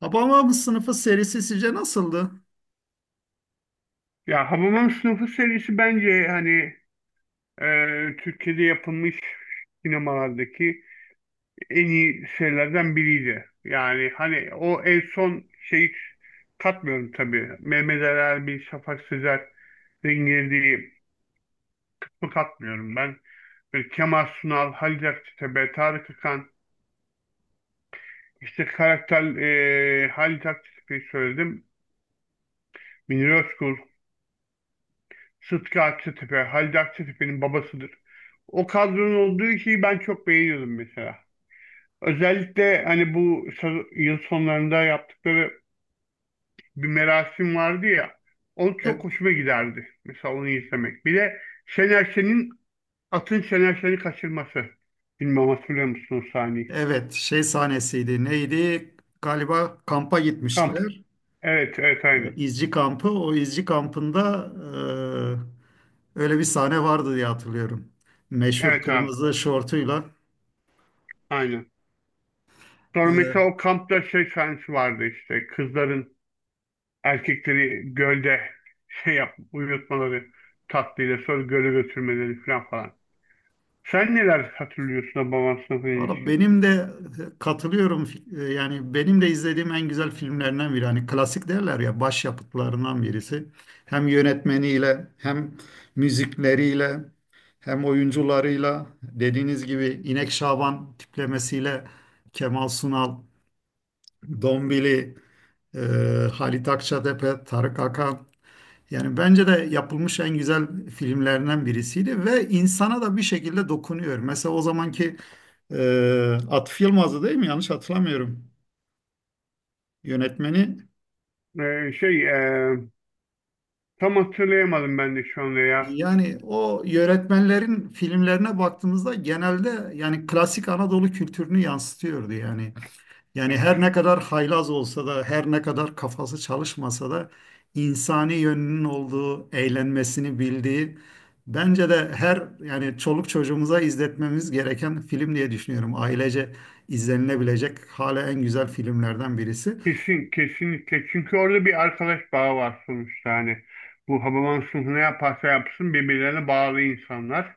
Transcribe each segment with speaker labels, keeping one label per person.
Speaker 1: Hababam Sınıfı serisi sizce nasıldı?
Speaker 2: Ya Hababam Sınıfı serisi bence hani Türkiye'de yapılmış sinemalardaki en iyi şeylerden biriydi. Yani hani o en son şeyi katmıyorum tabii. Mehmet Ali Erbil, Şafak Sezer'in girdiği kısmı katmıyorum ben. Böyle Kemal Sunal, Halit Akçatepe, Tarık Akan, işte karakter Halit Akçatepe'yi söyledim. Münir Özkul. Sıtkı Akçatepe, Halide Akçatepe'nin babasıdır. O kadronun olduğu şeyi ben çok beğeniyordum mesela. Özellikle hani bu yıl sonlarında yaptıkları bir merasim vardı ya. O çok
Speaker 1: E-
Speaker 2: hoşuma giderdi. Mesela onu izlemek. Bir de Şener Şen'in atın Şener Şen'i kaçırması. Bilmem hatırlıyor musunuz o sahneyi?
Speaker 1: evet, Şey sahnesiydi. Neydi? Galiba kampa
Speaker 2: Kamp.
Speaker 1: gitmiştiler.
Speaker 2: Evet, evet aynen.
Speaker 1: İzci kampı. O izci kampında öyle bir sahne vardı diye hatırlıyorum. Meşhur
Speaker 2: Evet abi,
Speaker 1: kırmızı şortuyla.
Speaker 2: aynen. Sonra
Speaker 1: E,
Speaker 2: mesela o kampta şey sahnesi vardı işte. Kızların erkekleri gölde şey yap, uyutmaları tatlıyla sonra göle götürmeleri falan falan. Sen neler hatırlıyorsun da baban sınıfına
Speaker 1: Valla
Speaker 2: ilişkin?
Speaker 1: benim de katılıyorum. Yani benim de izlediğim en güzel filmlerinden biri. Hani klasik derler ya başyapıtlarından birisi. Hem yönetmeniyle hem müzikleriyle hem oyuncularıyla dediğiniz gibi İnek Şaban tiplemesiyle Kemal Sunal, Dombili, e, Halit Akçatepe, Tarık Akan yani bence de yapılmış en güzel filmlerinden birisiydi ve insana da bir şekilde dokunuyor. Mesela o zamanki Atıf Yılmaz'dı değil mi? Yanlış hatırlamıyorum yönetmeni.
Speaker 2: Ee, şey e, Tam hatırlayamadım ben de şu anda ya.
Speaker 1: Yani o yönetmenlerin filmlerine baktığımızda genelde yani klasik Anadolu kültürünü yansıtıyordu yani. Yani her ne kadar haylaz olsa da, her ne kadar kafası çalışmasa da insani yönünün olduğu, eğlenmesini bildiği bence de her yani çoluk çocuğumuza izletmemiz gereken film diye düşünüyorum. Ailece izlenilebilecek hala en güzel filmlerden birisi.
Speaker 2: Kesin, kesinlikle. Çünkü orada bir arkadaş bağı var sonuçta hani. Bu Hababam sınıfı ne yaparsa yapsın birbirlerine bağlı insanlar.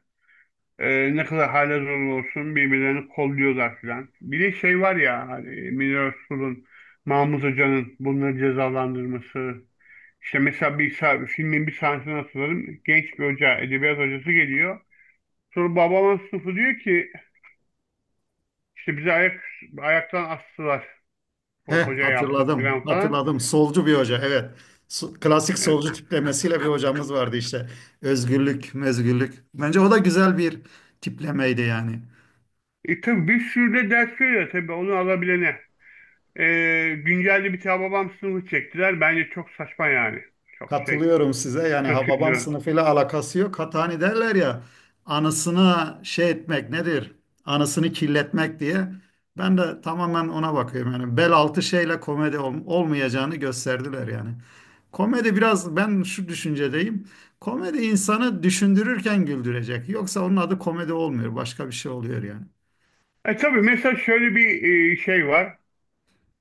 Speaker 2: Ne kadar hale zor olsun birbirlerini kolluyorlar filan. Bir de şey var ya hani Münir Özkul'un, Mahmut Hoca'nın bunları cezalandırması. İşte mesela filmin bir sahnesini hatırladım. Genç bir hoca, edebiyat hocası geliyor. Sonra babamın sınıfı diyor ki işte ayaktan astılar.
Speaker 1: He,
Speaker 2: O hoca yaptı
Speaker 1: hatırladım,
Speaker 2: filan falan.
Speaker 1: hatırladım. Solcu bir hoca, evet. Klasik
Speaker 2: Evet.
Speaker 1: solcu tiplemesiyle bir hocamız vardı işte. Özgürlük, mezgürlük. Bence o da güzel bir tiplemeydi yani.
Speaker 2: E, tabii bir sürü de ders veriyor tabii onu alabilene. Güncelde bir tane babam sınıfı çektiler. Bence çok saçma yani. Çok şey
Speaker 1: Katılıyorum size. Yani Hababam
Speaker 2: kötüydü.
Speaker 1: sınıfıyla alakası yok. Hatta hani derler ya anısına şey etmek nedir? Anısını kirletmek diye. Ben de tamamen ona bakıyorum. Yani bel altı şeyle komedi olmayacağını gösterdiler yani. Komedi biraz ben şu düşüncedeyim. Komedi insanı düşündürürken güldürecek. Yoksa onun adı komedi olmuyor. Başka bir şey oluyor yani.
Speaker 2: E tabii mesela şöyle bir şey var.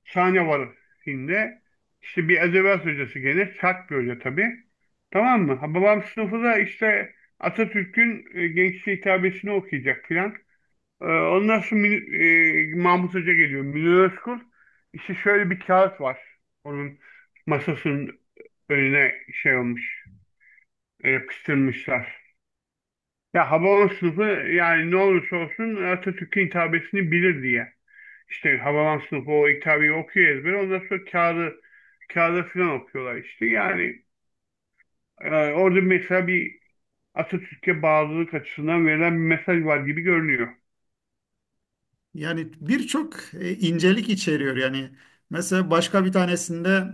Speaker 2: Sahne var filmde. İşte bir edebiyat hocası gelir. Sert bir hoca tabii. Tamam mı? Ha, Babam sınıfı da işte Atatürk'ün gençliğe hitabesini okuyacak filan. E, ondan sonra Mahmut Hoca geliyor. Münir Özkul. İşte şöyle bir kağıt var. Onun masasının önüne şey olmuş. Yapıştırmışlar. Ya Hababam sınıfı yani ne olursa olsun Atatürk'ün hitabesini bilir diye. İşte Havalan sınıfı o kitabeyi okuyor ezber. Ondan sonra kağıda filan okuyorlar işte. Yani orada mesela bir Atatürk'e bağlılık açısından verilen bir mesaj var gibi görünüyor.
Speaker 1: Yani birçok incelik içeriyor yani. Mesela başka bir tanesinde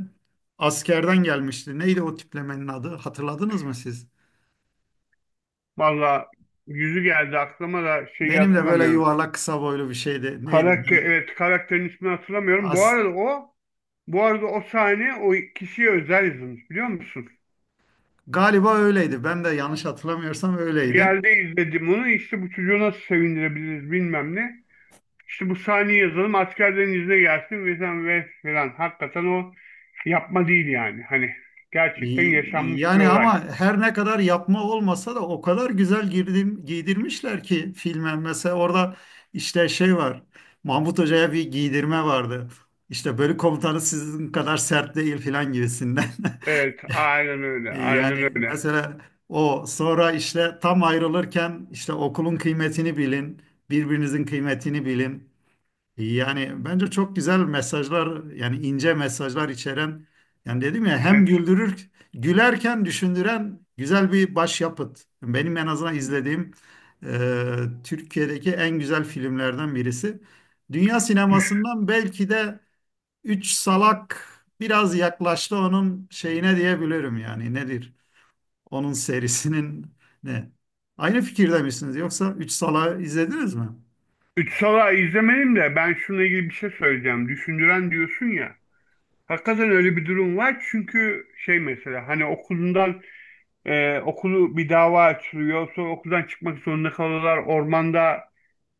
Speaker 1: askerden gelmişti. Neydi o tiplemenin adı? Hatırladınız mı siz?
Speaker 2: Valla yüzü geldi aklıma da şeyi
Speaker 1: Benim de böyle
Speaker 2: hatırlamıyorum.
Speaker 1: yuvarlak kısa boylu bir şeydi. Neydi?
Speaker 2: Karakter, evet karakterin ismini hatırlamıyorum. Bu
Speaker 1: As-
Speaker 2: arada o bu arada o sahne o kişiye özel yazılmış biliyor musun?
Speaker 1: Galiba öyleydi. Ben de yanlış hatırlamıyorsam
Speaker 2: Bir
Speaker 1: öyleydi.
Speaker 2: yerde izledim onu işte bu çocuğu nasıl sevindirebiliriz bilmem ne. İşte bu sahneyi yazalım askerlerin izine gelsin ve sen ve falan. Hakikaten o yapma değil yani. Hani gerçekten
Speaker 1: Y-
Speaker 2: yaşanmış bir
Speaker 1: Yani
Speaker 2: olay.
Speaker 1: ama her ne kadar yapma olmasa da o kadar güzel girdim, giydirmişler ki filme. Mesela orada işte şey var. Mahmut Hoca'ya bir giydirme vardı. İşte bölük komutanı sizin kadar sert değil filan gibisinden.
Speaker 2: Evet aynen öyle. Aynen
Speaker 1: Yani
Speaker 2: öyle.
Speaker 1: mesela o sonra işte tam ayrılırken işte okulun kıymetini bilin, birbirinizin kıymetini bilin. Yani bence çok güzel mesajlar yani ince mesajlar içeren yani dedim ya hem
Speaker 2: Evet.
Speaker 1: güldürür gülerken düşündüren güzel bir başyapıt. Benim en azından izlediğim e, Türkiye'deki en güzel filmlerden birisi. Dünya
Speaker 2: Düş
Speaker 1: sinemasından belki de Üç Salak biraz yaklaştı onun şeyine diyebilirim yani nedir? Onun serisinin ne? Aynı fikirde misiniz yoksa Üç Salak'ı izlediniz mi?
Speaker 2: Üç Sala izlemedim de ben şununla ilgili bir şey söyleyeceğim. Düşündüren diyorsun ya. Hakikaten öyle bir durum var çünkü şey mesela hani okulundan okulu bir dava açılıyor sonra okuldan çıkmak zorunda kalıyorlar ormanda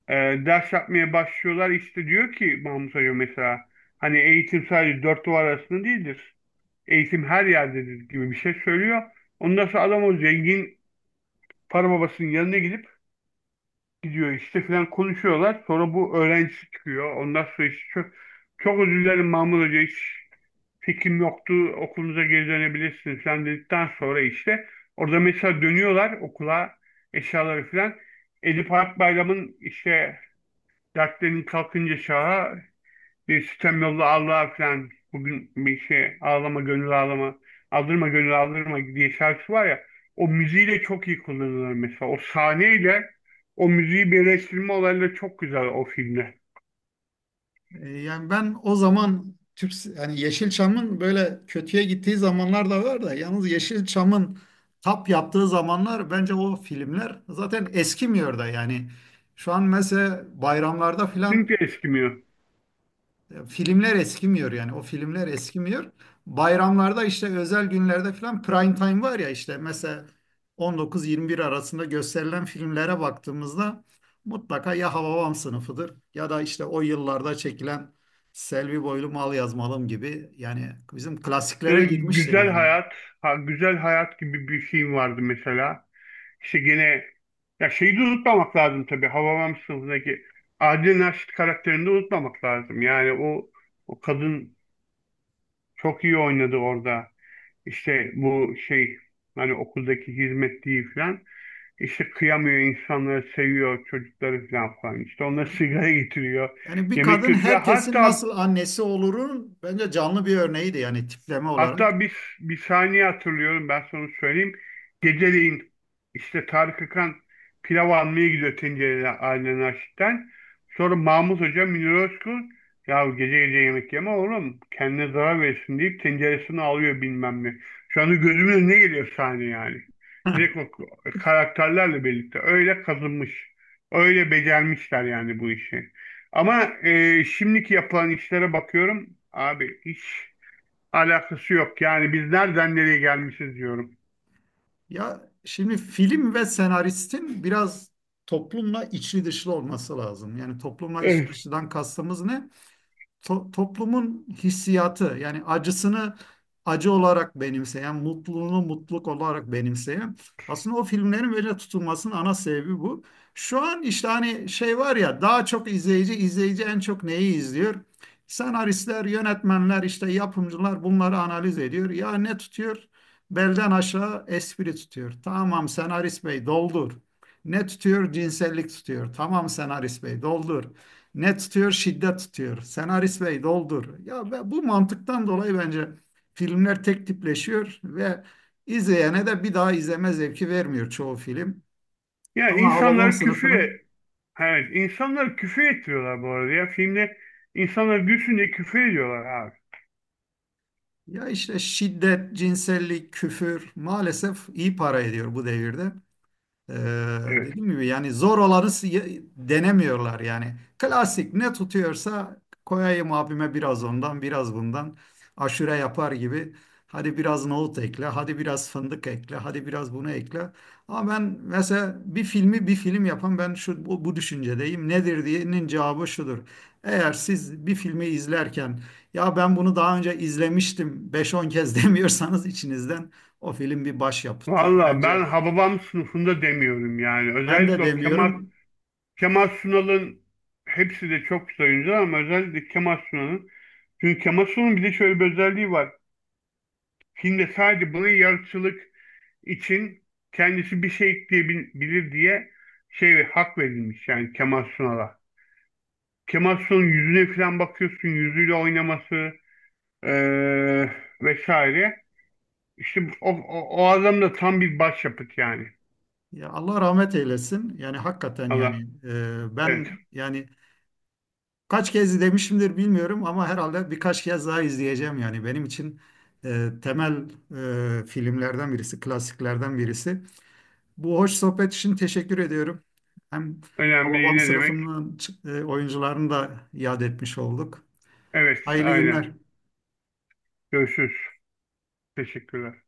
Speaker 2: e, ders yapmaya başlıyorlar. İşte diyor ki Mahmut Hoca mesela hani eğitim sadece dört duvar arasında değildir. Eğitim her yerdedir gibi bir şey söylüyor. Ondan sonra adam o zengin para babasının yanına gidiyor işte filan konuşuyorlar. Sonra bu öğrencisi çıkıyor. Ondan sonra işte çok özür dilerim Mahmut Hoca hiç fikrim yoktu. Okulunuza geri dönebilirsiniz falan dedikten sonra işte orada mesela dönüyorlar okula eşyaları filan. Edip Akbayram'ın işte dertlerin kalkınca şaha bir sitem yolla Allah'a falan bugün bir şey ağlama gönül ağlama aldırma gönül aldırma diye şarkısı var ya o müziğiyle çok iyi kullanılır mesela o sahneyle o müziği birleştirme olayları çok güzel o filmde.
Speaker 1: Yani ben o zaman Türk yani Yeşilçam'ın böyle kötüye gittiği zamanlar da var da yalnız Yeşilçam'ın tap yaptığı zamanlar bence o filmler zaten eskimiyor da yani şu an mesela bayramlarda filan
Speaker 2: Çünkü eskimiyor.
Speaker 1: filmler eskimiyor yani o filmler eskimiyor. Bayramlarda işte özel günlerde falan prime time var ya işte mesela 19-21 arasında gösterilen filmlere baktığımızda mutlaka ya Hababam sınıfıdır ya da işte o yıllarda çekilen Selvi Boylum Al Yazmalım gibi yani bizim klasiklere girmiştir
Speaker 2: Güzel
Speaker 1: yani.
Speaker 2: Hayat, ha, Güzel Hayat gibi bir film vardı mesela. İşte gene ya şeyi de unutmamak lazım tabii. Hababam sınıfındaki Adile Naşit karakterini de unutmamak lazım. Yani o kadın çok iyi oynadı orada. İşte bu şey hani okuldaki hizmetliği falan. İşte kıyamıyor insanları seviyor çocukları falan falan. İşte onlara sigara getiriyor.
Speaker 1: Yani bir
Speaker 2: Yemek
Speaker 1: kadın
Speaker 2: götürüyor.
Speaker 1: herkesin
Speaker 2: Hatta
Speaker 1: nasıl annesi olurun bence canlı bir örneğiydi yani tipleme olarak.
Speaker 2: Hatta bir saniye hatırlıyorum ben sana söyleyeyim. Geceleyin işte Tarık Akan pilav almaya gidiyor tencereli Ailen Aşik'ten. Sonra Mahmut Hoca Münir Özkul ya gece gece yemek yeme oğlum kendine zarar verirsin deyip tenceresini alıyor bilmem ne. Şu anda gözümün önüne geliyor sahne yani. Direkt o karakterlerle birlikte öyle kazınmış. Öyle becermişler yani bu işi. Ama şimdiki yapılan işlere bakıyorum abi hiç alakası yok. Yani biz nereden nereye gelmişiz diyorum.
Speaker 1: Ya şimdi film ve senaristin biraz toplumla içli dışlı olması lazım. Yani toplumla içli
Speaker 2: Evet.
Speaker 1: dışlıdan kastımız ne? Toplumun hissiyatı yani acısını acı olarak benimseyen, mutluluğunu mutluluk olarak benimseyen aslında o filmlerin böyle tutulmasının ana sebebi bu. Şu an işte hani şey var ya daha çok izleyici, en çok neyi izliyor? Senaristler, yönetmenler, işte yapımcılar bunları analiz ediyor. Ya ne tutuyor? Belden aşağı espri tutuyor. Tamam senarist bey doldur. Ne tutuyor? Cinsellik tutuyor. Tamam senarist bey doldur. Ne tutuyor? Şiddet tutuyor. Senarist bey doldur. Ya ve bu mantıktan dolayı bence filmler tek tipleşiyor ve izleyene de bir daha izleme zevki vermiyor çoğu film.
Speaker 2: Ya
Speaker 1: Ama Hababam
Speaker 2: insanları küfür
Speaker 1: sınıfını
Speaker 2: e-, evet insanları küfür ettiriyorlar bu arada ya. Filmde insanları gülsün diye küfür ediyorlar abi.
Speaker 1: ya işte şiddet, cinsellik, küfür maalesef iyi para ediyor bu devirde. Ee,
Speaker 2: Evet.
Speaker 1: Dediğim gibi yani zor olanı denemiyorlar yani. Klasik ne tutuyorsa koyayım abime biraz ondan biraz bundan. Aşure yapar gibi. Hadi biraz nohut ekle, hadi biraz fındık ekle, hadi biraz bunu ekle. Ama ben mesela bir filmi bir film yapan ben bu düşüncedeyim. Nedir diyenin cevabı şudur. Eğer siz bir filmi izlerken ya ben bunu daha önce izlemiştim 5-10 kez demiyorsanız içinizden o film bir başyapıttır.
Speaker 2: Valla
Speaker 1: Bence
Speaker 2: ben Hababam sınıfında demiyorum yani.
Speaker 1: ben de
Speaker 2: Özellikle o
Speaker 1: demiyorum.
Speaker 2: Kemal Sunal'ın hepsi de çok güzel oyuncular ama özellikle Kemal Sunal'ın. Çünkü Kemal Sunal'ın bir de şöyle bir özelliği var. Filmde sadece buna yaratıcılık için kendisi bir şey ekleyebilir diye şey hak verilmiş yani Kemal Sunal'a. Kemal Sunal'ın yüzüne falan bakıyorsun, yüzüyle oynaması eee, vesaire. İşte o adam da tam bir başyapıt yani.
Speaker 1: Ya Allah rahmet eylesin. Yani hakikaten
Speaker 2: Allah,
Speaker 1: yani ben
Speaker 2: evet.
Speaker 1: yani kaç kez demişimdir bilmiyorum ama herhalde birkaç kez daha izleyeceğim yani benim için temel filmlerden birisi, klasiklerden birisi. Bu hoş sohbet için teşekkür ediyorum. Hem
Speaker 2: Önemli
Speaker 1: Hababam
Speaker 2: ne demek?
Speaker 1: sınıfının oyuncularını da iade etmiş olduk.
Speaker 2: Evet,
Speaker 1: Hayırlı
Speaker 2: aynen.
Speaker 1: günler.
Speaker 2: Görüşürüz. Teşekkürler.